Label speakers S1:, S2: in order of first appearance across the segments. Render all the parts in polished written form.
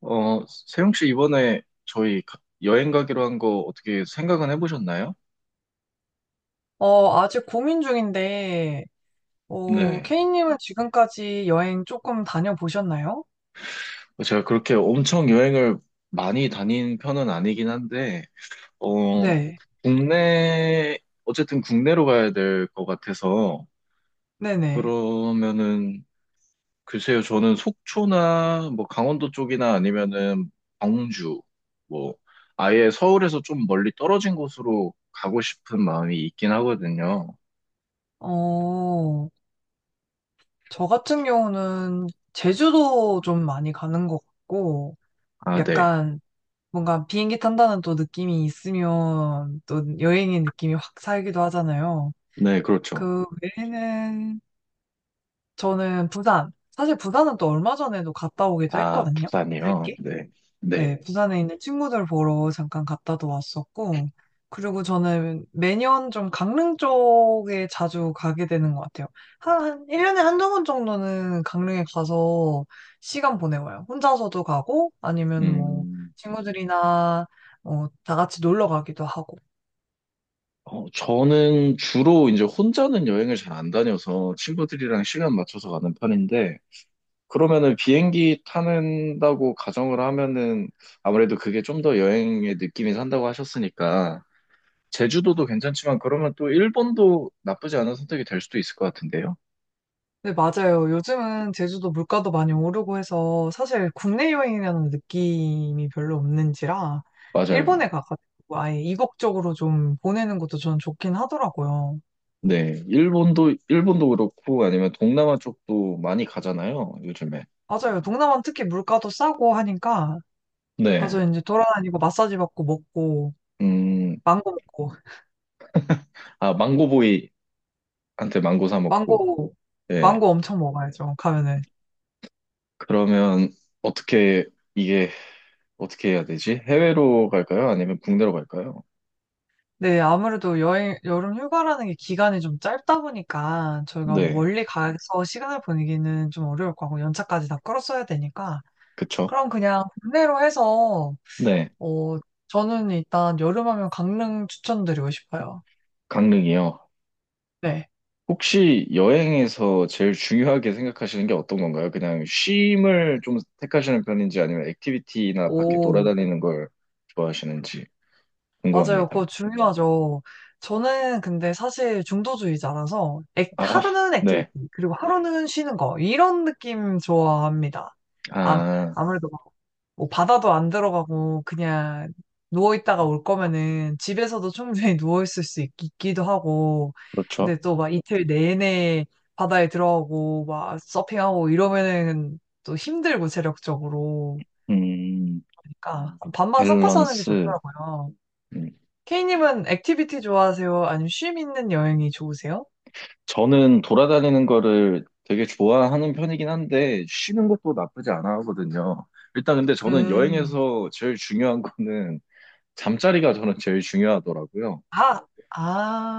S1: 세용 씨 이번에 저희 여행 가기로 한 거 어떻게 생각은 해보셨나요?
S2: 아직 고민 중인데,
S1: 네.
S2: 케이님은 지금까지 여행 조금 다녀보셨나요?
S1: 제가 그렇게 엄청 여행을 많이 다닌 편은 아니긴 한데, 어,
S2: 네,
S1: 국내, 어쨌든 국내로 가야 될 것 같아서,
S2: 네네.
S1: 그러면은, 글쎄요, 저는 속초나 뭐 강원도 쪽이나 아니면은 광주, 뭐, 아예 서울에서 좀 멀리 떨어진 곳으로 가고 싶은 마음이 있긴 하거든요.
S2: 어, 저 같은 경우는 제주도 좀 많이 가는 것 같고,
S1: 아, 네.
S2: 약간 뭔가 비행기 탄다는 또 느낌이 있으면 또 여행의 느낌이 확 살기도 하잖아요.
S1: 네, 그렇죠.
S2: 그 외에는 저는 부산, 사실 부산은 또 얼마 전에도 갔다 오기도
S1: 아,
S2: 했거든요.
S1: 부산이요?
S2: 짧게?
S1: 네. 네.
S2: 네, 부산에 있는 친구들 보러 잠깐 갔다도 왔었고, 그리고 저는 매년 좀 강릉 쪽에 자주 가게 되는 것 같아요. 한 1년에 한 두 번 정도는 강릉에 가서 시간 보내와요. 혼자서도 가고, 아니면 뭐,
S1: 음,
S2: 친구들이나, 다 같이 놀러 가기도 하고.
S1: 저는 주로 이제 혼자는 여행을 잘 안 다녀서 친구들이랑 시간 맞춰서 가는 편인데, 그러면은 비행기 타는다고 가정을 하면은 아무래도 그게 좀 더 여행의 느낌이 산다고 하셨으니까, 제주도도 괜찮지만 그러면 또 일본도 나쁘지 않은 선택이 될 수도 있을 것 같은데요?
S2: 네, 맞아요. 요즘은 제주도 물가도 많이 오르고 해서 사실 국내 여행이라는 느낌이 별로 없는지라
S1: 맞아요.
S2: 일본에 가가지고 아예 이국적으로 좀 보내는 것도 전 좋긴 하더라고요.
S1: 네. 일본도 그렇고 아니면 동남아 쪽도 많이 가잖아요, 요즘에.
S2: 맞아요. 동남아는 특히 물가도 싸고 하니까
S1: 네.
S2: 가서 이제 돌아다니고 마사지 받고 먹고
S1: 음,
S2: 망고 먹고
S1: 아, 망고보이한테 망고 사 먹고,
S2: 망고.
S1: 예.
S2: 망고 엄청 먹어야죠. 가면은.
S1: 그러면 어떻게, 이게 어떻게 해야 되지? 해외로 갈까요? 아니면 국내로 갈까요?
S2: 네, 아무래도 여름 휴가라는 게 기간이 좀 짧다 보니까 저희가 뭐
S1: 네,
S2: 멀리 가서 시간을 보내기는 좀 어려울 거고 연차까지 다 끌었어야 되니까
S1: 그쵸.
S2: 그럼 그냥 국내로 해서
S1: 네,
S2: 어 저는 일단 여름하면 강릉 추천드리고 싶어요.
S1: 강릉이요.
S2: 네.
S1: 혹시 여행에서 제일 중요하게 생각하시는 게 어떤 건가요? 그냥 쉼을 좀 택하시는 편인지 아니면 액티비티나 밖에
S2: 오,
S1: 돌아다니는 걸 좋아하시는지
S2: 맞아요.
S1: 궁금합니다.
S2: 그거 중요하죠. 저는 근데 사실 중도주의자라서
S1: 아,
S2: 하루는 액티비티
S1: 네.
S2: 그리고 하루는 쉬는 거 이런 느낌 좋아합니다. 아,
S1: 아,
S2: 아무래도 뭐 바다도 안 들어가고 그냥 누워 있다가 올 거면은 집에서도 충분히 누워 있을 수 있, 기도 하고
S1: 그렇죠.
S2: 근데 또 막 이틀 내내 바다에 들어가고 막 서핑하고 이러면은 또 힘들고 체력적으로
S1: 음,
S2: 그러니까 반반 섞어서 하는 게
S1: 밸런스.
S2: 좋더라고요.
S1: 음.
S2: K님은 액티비티 좋아하세요? 아니면 쉼 있는 여행이 좋으세요?
S1: 저는 돌아다니는 거를 되게 좋아하는 편이긴 한데, 쉬는 것도 나쁘지 않아 하거든요. 일단 근데 저는
S2: 음.
S1: 여행에서 제일 중요한 거는 잠자리가 저는 제일 중요하더라고요.
S2: 아,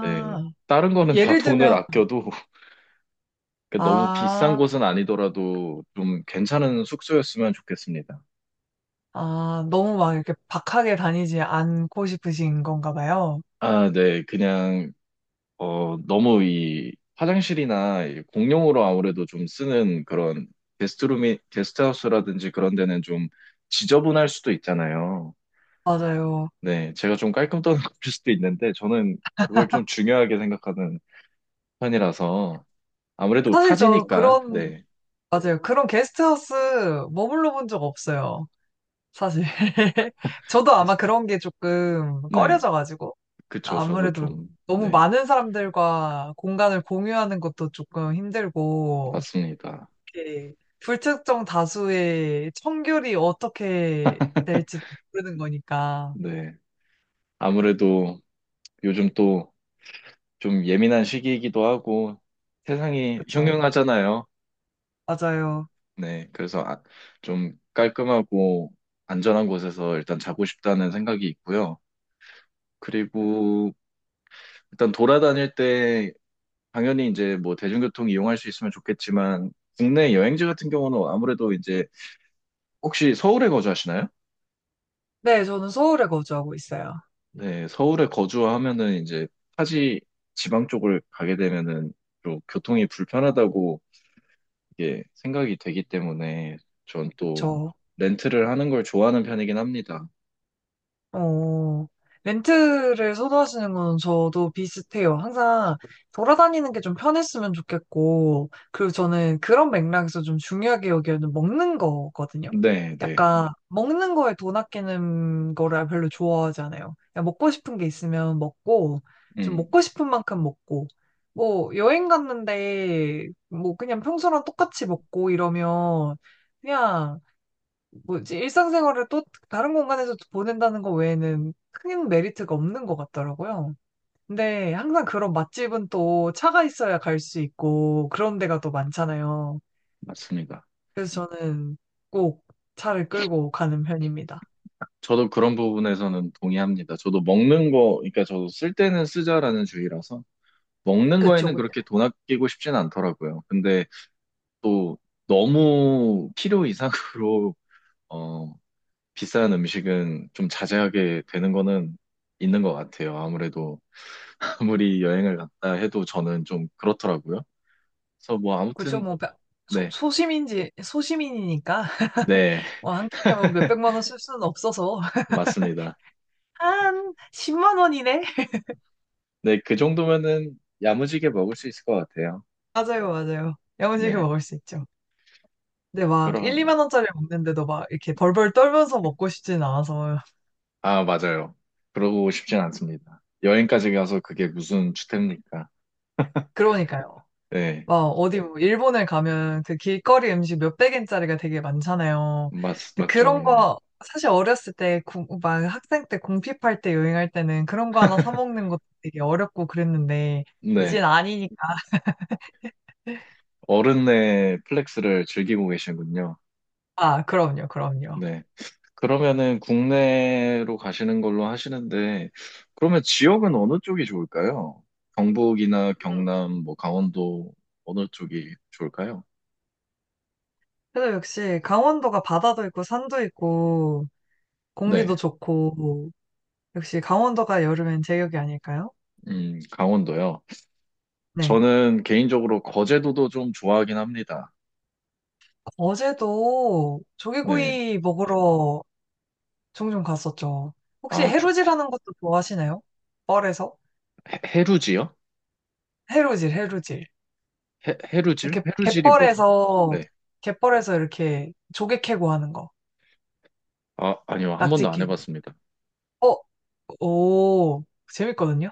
S1: 네. 다른 거는 다
S2: 예를
S1: 돈을
S2: 들면
S1: 아껴도 그 너무 비싼
S2: 아.
S1: 곳은 아니더라도 좀 괜찮은 숙소였으면 좋겠습니다.
S2: 아, 너무 막 이렇게 박하게 다니지 않고 싶으신 건가 봐요.
S1: 아, 네. 그냥 너무 이 화장실이나 이 공용으로 아무래도 좀 쓰는 그런 게스트하우스라든지 그런 데는 좀 지저분할 수도 있잖아요.
S2: 맞아요.
S1: 네, 제가 좀 깔끔 떠는 걸 수도 있는데 저는 그걸 좀 중요하게 생각하는 편이라서 아무래도
S2: 사실 저
S1: 타지니까,
S2: 그런,
S1: 네.
S2: 맞아요. 그런 게스트하우스 머물러 본 적 없어요. 사실. 저도 아마
S1: 게스-
S2: 그런 게 조금
S1: 네,
S2: 꺼려져가지고.
S1: 그쵸. 저도
S2: 아무래도
S1: 좀,
S2: 너무
S1: 네,
S2: 많은 사람들과 공간을 공유하는 것도 조금 힘들고,
S1: 맞습니다.
S2: 이렇게 불특정 다수의 청결이 어떻게 될지 모르는 거니까.
S1: 네. 아무래도 요즘 또 좀 예민한 시기이기도 하고 세상이 네.
S2: 그렇죠.
S1: 흉흉하잖아요.
S2: 맞아요.
S1: 네, 그래서 좀 깔끔하고 안전한 곳에서 일단 자고 싶다는 생각이 있고요. 그리고 일단 돌아다닐 때 당연히 이제 뭐 대중교통 이용할 수 있으면 좋겠지만 국내 여행지 같은 경우는 아무래도 이제 혹시 서울에 거주하시나요?
S2: 네, 저는 서울에 거주하고 있어요.
S1: 네, 서울에 거주하면은 이제 타지 지방 쪽을 가게 되면은 좀 교통이 불편하다고 이게 생각이 되기 때문에 전 또
S2: 그쵸.
S1: 렌트를 하는 걸 좋아하는 편이긴 합니다.
S2: 어, 렌트를 선호하시는 건 저도 비슷해요. 항상 돌아다니는 게 좀 편했으면 좋겠고, 그리고 저는 그런 맥락에서 좀 중요하게 여기는 먹는 거거든요.
S1: 네, 네.
S2: 약간, 먹는 거에 돈 아끼는 거를 별로 좋아하지 않아요. 그냥 먹고 싶은 게 있으면 먹고, 좀
S1: 음.
S2: 먹고 싶은 만큼 먹고, 뭐, 여행 갔는데, 뭐, 그냥 평소랑 똑같이 먹고 이러면, 그냥, 뭐지, 일상생활을 또 다른 공간에서 보낸다는 거 외에는 큰 메리트가 없는 것 같더라고요. 근데 항상 그런 맛집은 또 차가 있어야 갈 수 있고 그런 데가 또 많잖아요.
S1: 맞습니다.
S2: 그래서 저는 꼭 차를 끌고 가는 편입니다.
S1: 저도 그런 부분에서는 동의합니다. 저도 먹는 거, 그러니까 저도 쓸 때는 쓰자라는 주의라서 먹는
S2: 그쵸,
S1: 거에는
S2: 그쵸.
S1: 그렇게 돈 아끼고 싶진 않더라고요. 근데 또 너무 필요 이상으로 어, 비싼 음식은 좀 자제하게 되는 거는 있는 것 같아요. 아무래도 아무리 여행을 갔다 해도 저는 좀 그렇더라고요. 그래서 뭐
S2: 그쵸,
S1: 아무튼
S2: 뭐, 소,
S1: 네,
S2: 소심인지, 소시민이니까,
S1: 네,
S2: 뭐, 한 끼에 뭐 몇백만 원 쓸 수는 없어서,
S1: 맞습니다.
S2: 한 10만 원이네?
S1: 네, 그 정도면은 야무지게 먹을 수 있을 것 같아요.
S2: 맞아요, 맞아요. 야무지게
S1: 네,
S2: 먹을 수 있죠. 근데 막 1,
S1: 그럼.
S2: 2만 원짜리 먹는데도 막 이렇게 벌벌 떨면서 먹고 싶진 않아서.
S1: 아, 맞아요. 그러고 싶진 않습니다. 여행까지 가서 그게 무슨 주택입니까?
S2: 그러니까요.
S1: 네,
S2: 막 어디 뭐 일본에 가면 그 길거리 음식 몇백 엔짜리가 되게 많잖아요. 근데
S1: 맞죠.
S2: 그런
S1: 네.
S2: 거 사실 어렸을 때, 막 학생 때 공핍할 때 여행할 때는 그런 거 하나 사 먹는 것도 되게 어렵고 그랬는데 이젠
S1: 네.
S2: 아니니까.
S1: 어른의 플렉스를 즐기고 계시군요.
S2: 아, 그럼요, 그럼요.
S1: 네. 그러면은 국내로 가시는 걸로 하시는데, 그러면 지역은 어느 쪽이 좋을까요? 경북이나
S2: 음.
S1: 경남, 뭐 강원도 어느 쪽이 좋을까요?
S2: 그래서 역시 강원도가 바다도 있고 산도 있고 공기도
S1: 네.
S2: 좋고 역시 강원도가 여름엔 제격이 아닐까요?
S1: 강원도요.
S2: 네.
S1: 저는 개인적으로 거제도도 좀 좋아하긴 합니다.
S2: 어제도
S1: 네.
S2: 조개구이 먹으러 종종 갔었죠. 혹시
S1: 아, 조-
S2: 해루질하는 것도 좋아하시나요? 뻘에서?
S1: 해루지요?
S2: 해루질, 해루질.
S1: 해루질?
S2: 이렇게
S1: 해루질이 뭐죠?
S2: 갯벌에서,
S1: 네.
S2: 갯벌에서 이렇게 조개 캐고 하는 거.
S1: 아, 아니요. 한
S2: 낙지
S1: 번도 안
S2: 캐고.
S1: 해봤습니다.
S2: 어, 오, 재밌거든요?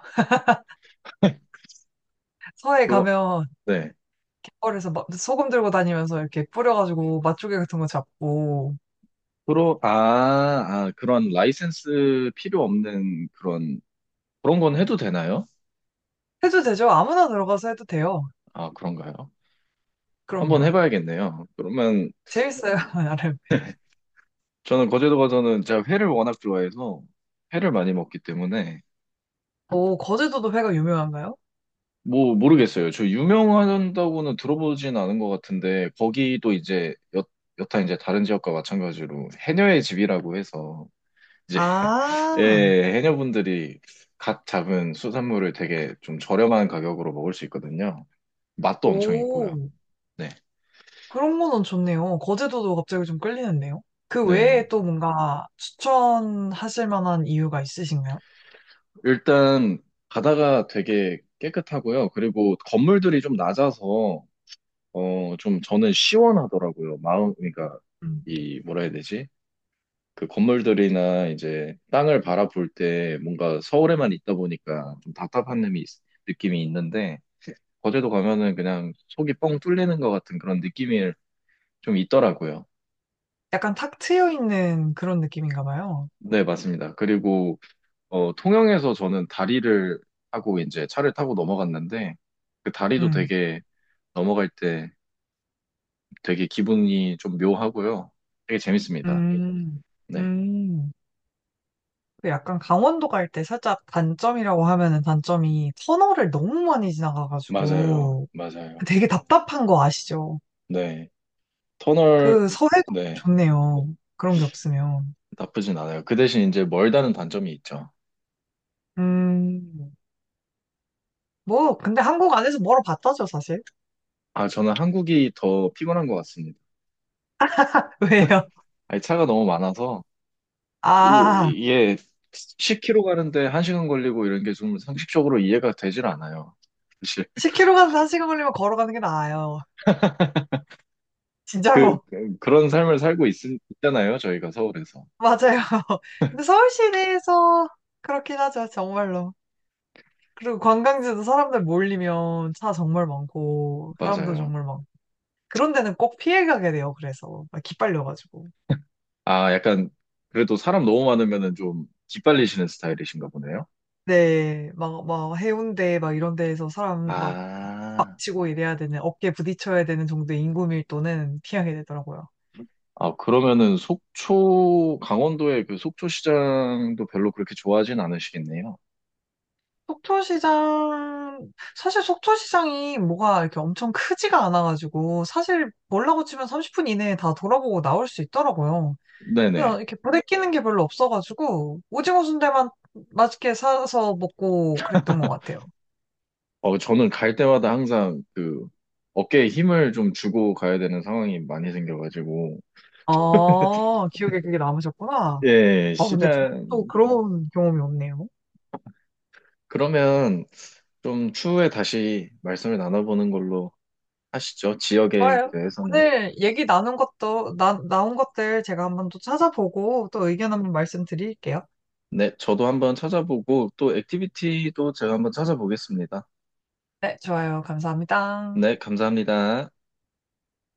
S2: 서해
S1: 그거,
S2: 가면
S1: 네.
S2: 갯벌에서 막 소금 들고 다니면서 이렇게 뿌려가지고 맛조개 같은 거 잡고.
S1: 프로, 아, 아, 그런 라이센스 필요 없는 그런, 그런 건 해도 되나요?
S2: 해도 되죠? 아무나 들어가서 해도 돼요.
S1: 아, 그런가요? 한번
S2: 그럼요.
S1: 해봐야겠네요. 그러면
S2: 재밌어요, 나름.
S1: 저는 거제도 가서는 제가 회를 워낙 좋아해서 회를 많이 먹기 때문에
S2: 오, 거제도도 회가 유명한가요?
S1: 뭐 모르겠어요. 저 유명하다고는 들어보진 않은 것 같은데 거기도 이제 여타 이제 다른 지역과 마찬가지로 해녀의 집이라고 해서 이제
S2: 아,
S1: 예, 해녀분들이 갓 잡은 수산물을 되게 좀 저렴한 가격으로 먹을 수 있거든요. 맛도 엄청
S2: 오,
S1: 있고요. 네.
S2: 그런 거는 좋네요. 거제도도 갑자기 좀 끌리는데요. 그
S1: 네.
S2: 외에 또 뭔가 추천하실 만한 이유가 있으신가요?
S1: 일단 바다가 되게 깨끗하고요. 그리고 건물들이 좀 낮아서 좀 저는 시원하더라고요. 마음 그러니까
S2: 음.
S1: 이 뭐라 해야 되지? 그 건물들이나 이제 땅을 바라볼 때 뭔가 서울에만 있다 보니까 느낌이 있는데 거제도 가면은 그냥 속이 뻥 뚫리는 것 같은 그런 느낌일 좀 있더라고요.
S2: 약간 탁 트여 있는 그런 느낌인가 봐요.
S1: 네, 맞습니다. 그리고 어, 통영에서 저는 다리를 하고 이제 차를 타고 넘어갔는데 그 다리도
S2: 음,
S1: 되게 넘어갈 때 되게 기분이 좀 묘하고요. 되게 재밌습니다.
S2: 음,
S1: 네,
S2: 음. 그 약간 강원도 갈 때 살짝 단점이라고 하면은 단점이 터널을 너무 많이
S1: 맞아요,
S2: 지나가가지고
S1: 맞아요.
S2: 되게 답답한 거 아시죠?
S1: 네, 터널
S2: 그 서해도
S1: 네
S2: 좋네요. 그런 게 없으면.
S1: 나쁘진 않아요. 그 대신 이제 멀다는 단점이 있죠.
S2: 음, 뭐, 근데 한국 안에서 멀어봤다죠, 사실.
S1: 아, 저는 한국이 더 피곤한 것 같습니다.
S2: 왜요?
S1: 아니, 차가 너무 많아서 요,
S2: 아,
S1: 이게 10km 가는데 1시간 걸리고 이런 게 좀 상식적으로 이해가 되질 않아요. 사실
S2: 10km 가서 1시간 걸리면 걸어가는 게 나아요. 진짜로.
S1: 그런 삶을 있잖아요. 저희가 서울에서.
S2: 맞아요. 근데 서울 시내에서 그렇긴 하죠. 정말로. 그리고 관광지도 사람들 몰리면 차 정말 많고, 사람도
S1: 맞아요.
S2: 정말 많고. 그런 데는 꼭 피해 가게 돼요. 그래서. 막 기빨려가지고.
S1: 아, 약간 그래도 사람 너무 많으면은 좀 기빨리시는 스타일이신가 보네요.
S2: 네. 막 해운대 막 이런 데에서 사람 막
S1: 아,
S2: 박치고 이래야 되는, 어깨 부딪혀야 되는 정도의 인구 밀도는 피하게 되더라고요.
S1: 아, 그러면은 속초, 강원도의 그 속초시장도 별로 그렇게 좋아하진 않으시겠네요.
S2: 속초시장, 사실 속초시장이 뭐가 이렇게 엄청 크지가 않아가지고, 사실 몰라고 치면 30분 이내에 다 돌아보고 나올 수 있더라고요.
S1: 네네.
S2: 그래서 이렇게 부대 끼는 게 별로 없어가지고, 오징어 순대만 맛있게 사서 먹고 그랬던 것 같아요.
S1: 저는 갈 때마다 항상 그 어깨에 힘을 좀 주고 가야 되는 상황이 많이 생겨가지고,
S2: 아, 기억에 그게 남으셨구나.
S1: 예,
S2: 아, 근데 저도
S1: 시간 좀.
S2: 그런 경험이 없네요.
S1: 그러면 좀 추후에 다시 말씀을 나눠보는 걸로 하시죠. 지역에
S2: 좋아요.
S1: 대해서는.
S2: 오늘 얘기 나눈 것도, 나온 것들 제가 한번 또 찾아보고 또 의견 한번 말씀드릴게요.
S1: 네, 저도 한번 찾아보고 또 액티비티도 제가 한번 찾아보겠습니다.
S2: 네, 좋아요. 감사합니다.
S1: 네, 감사합니다.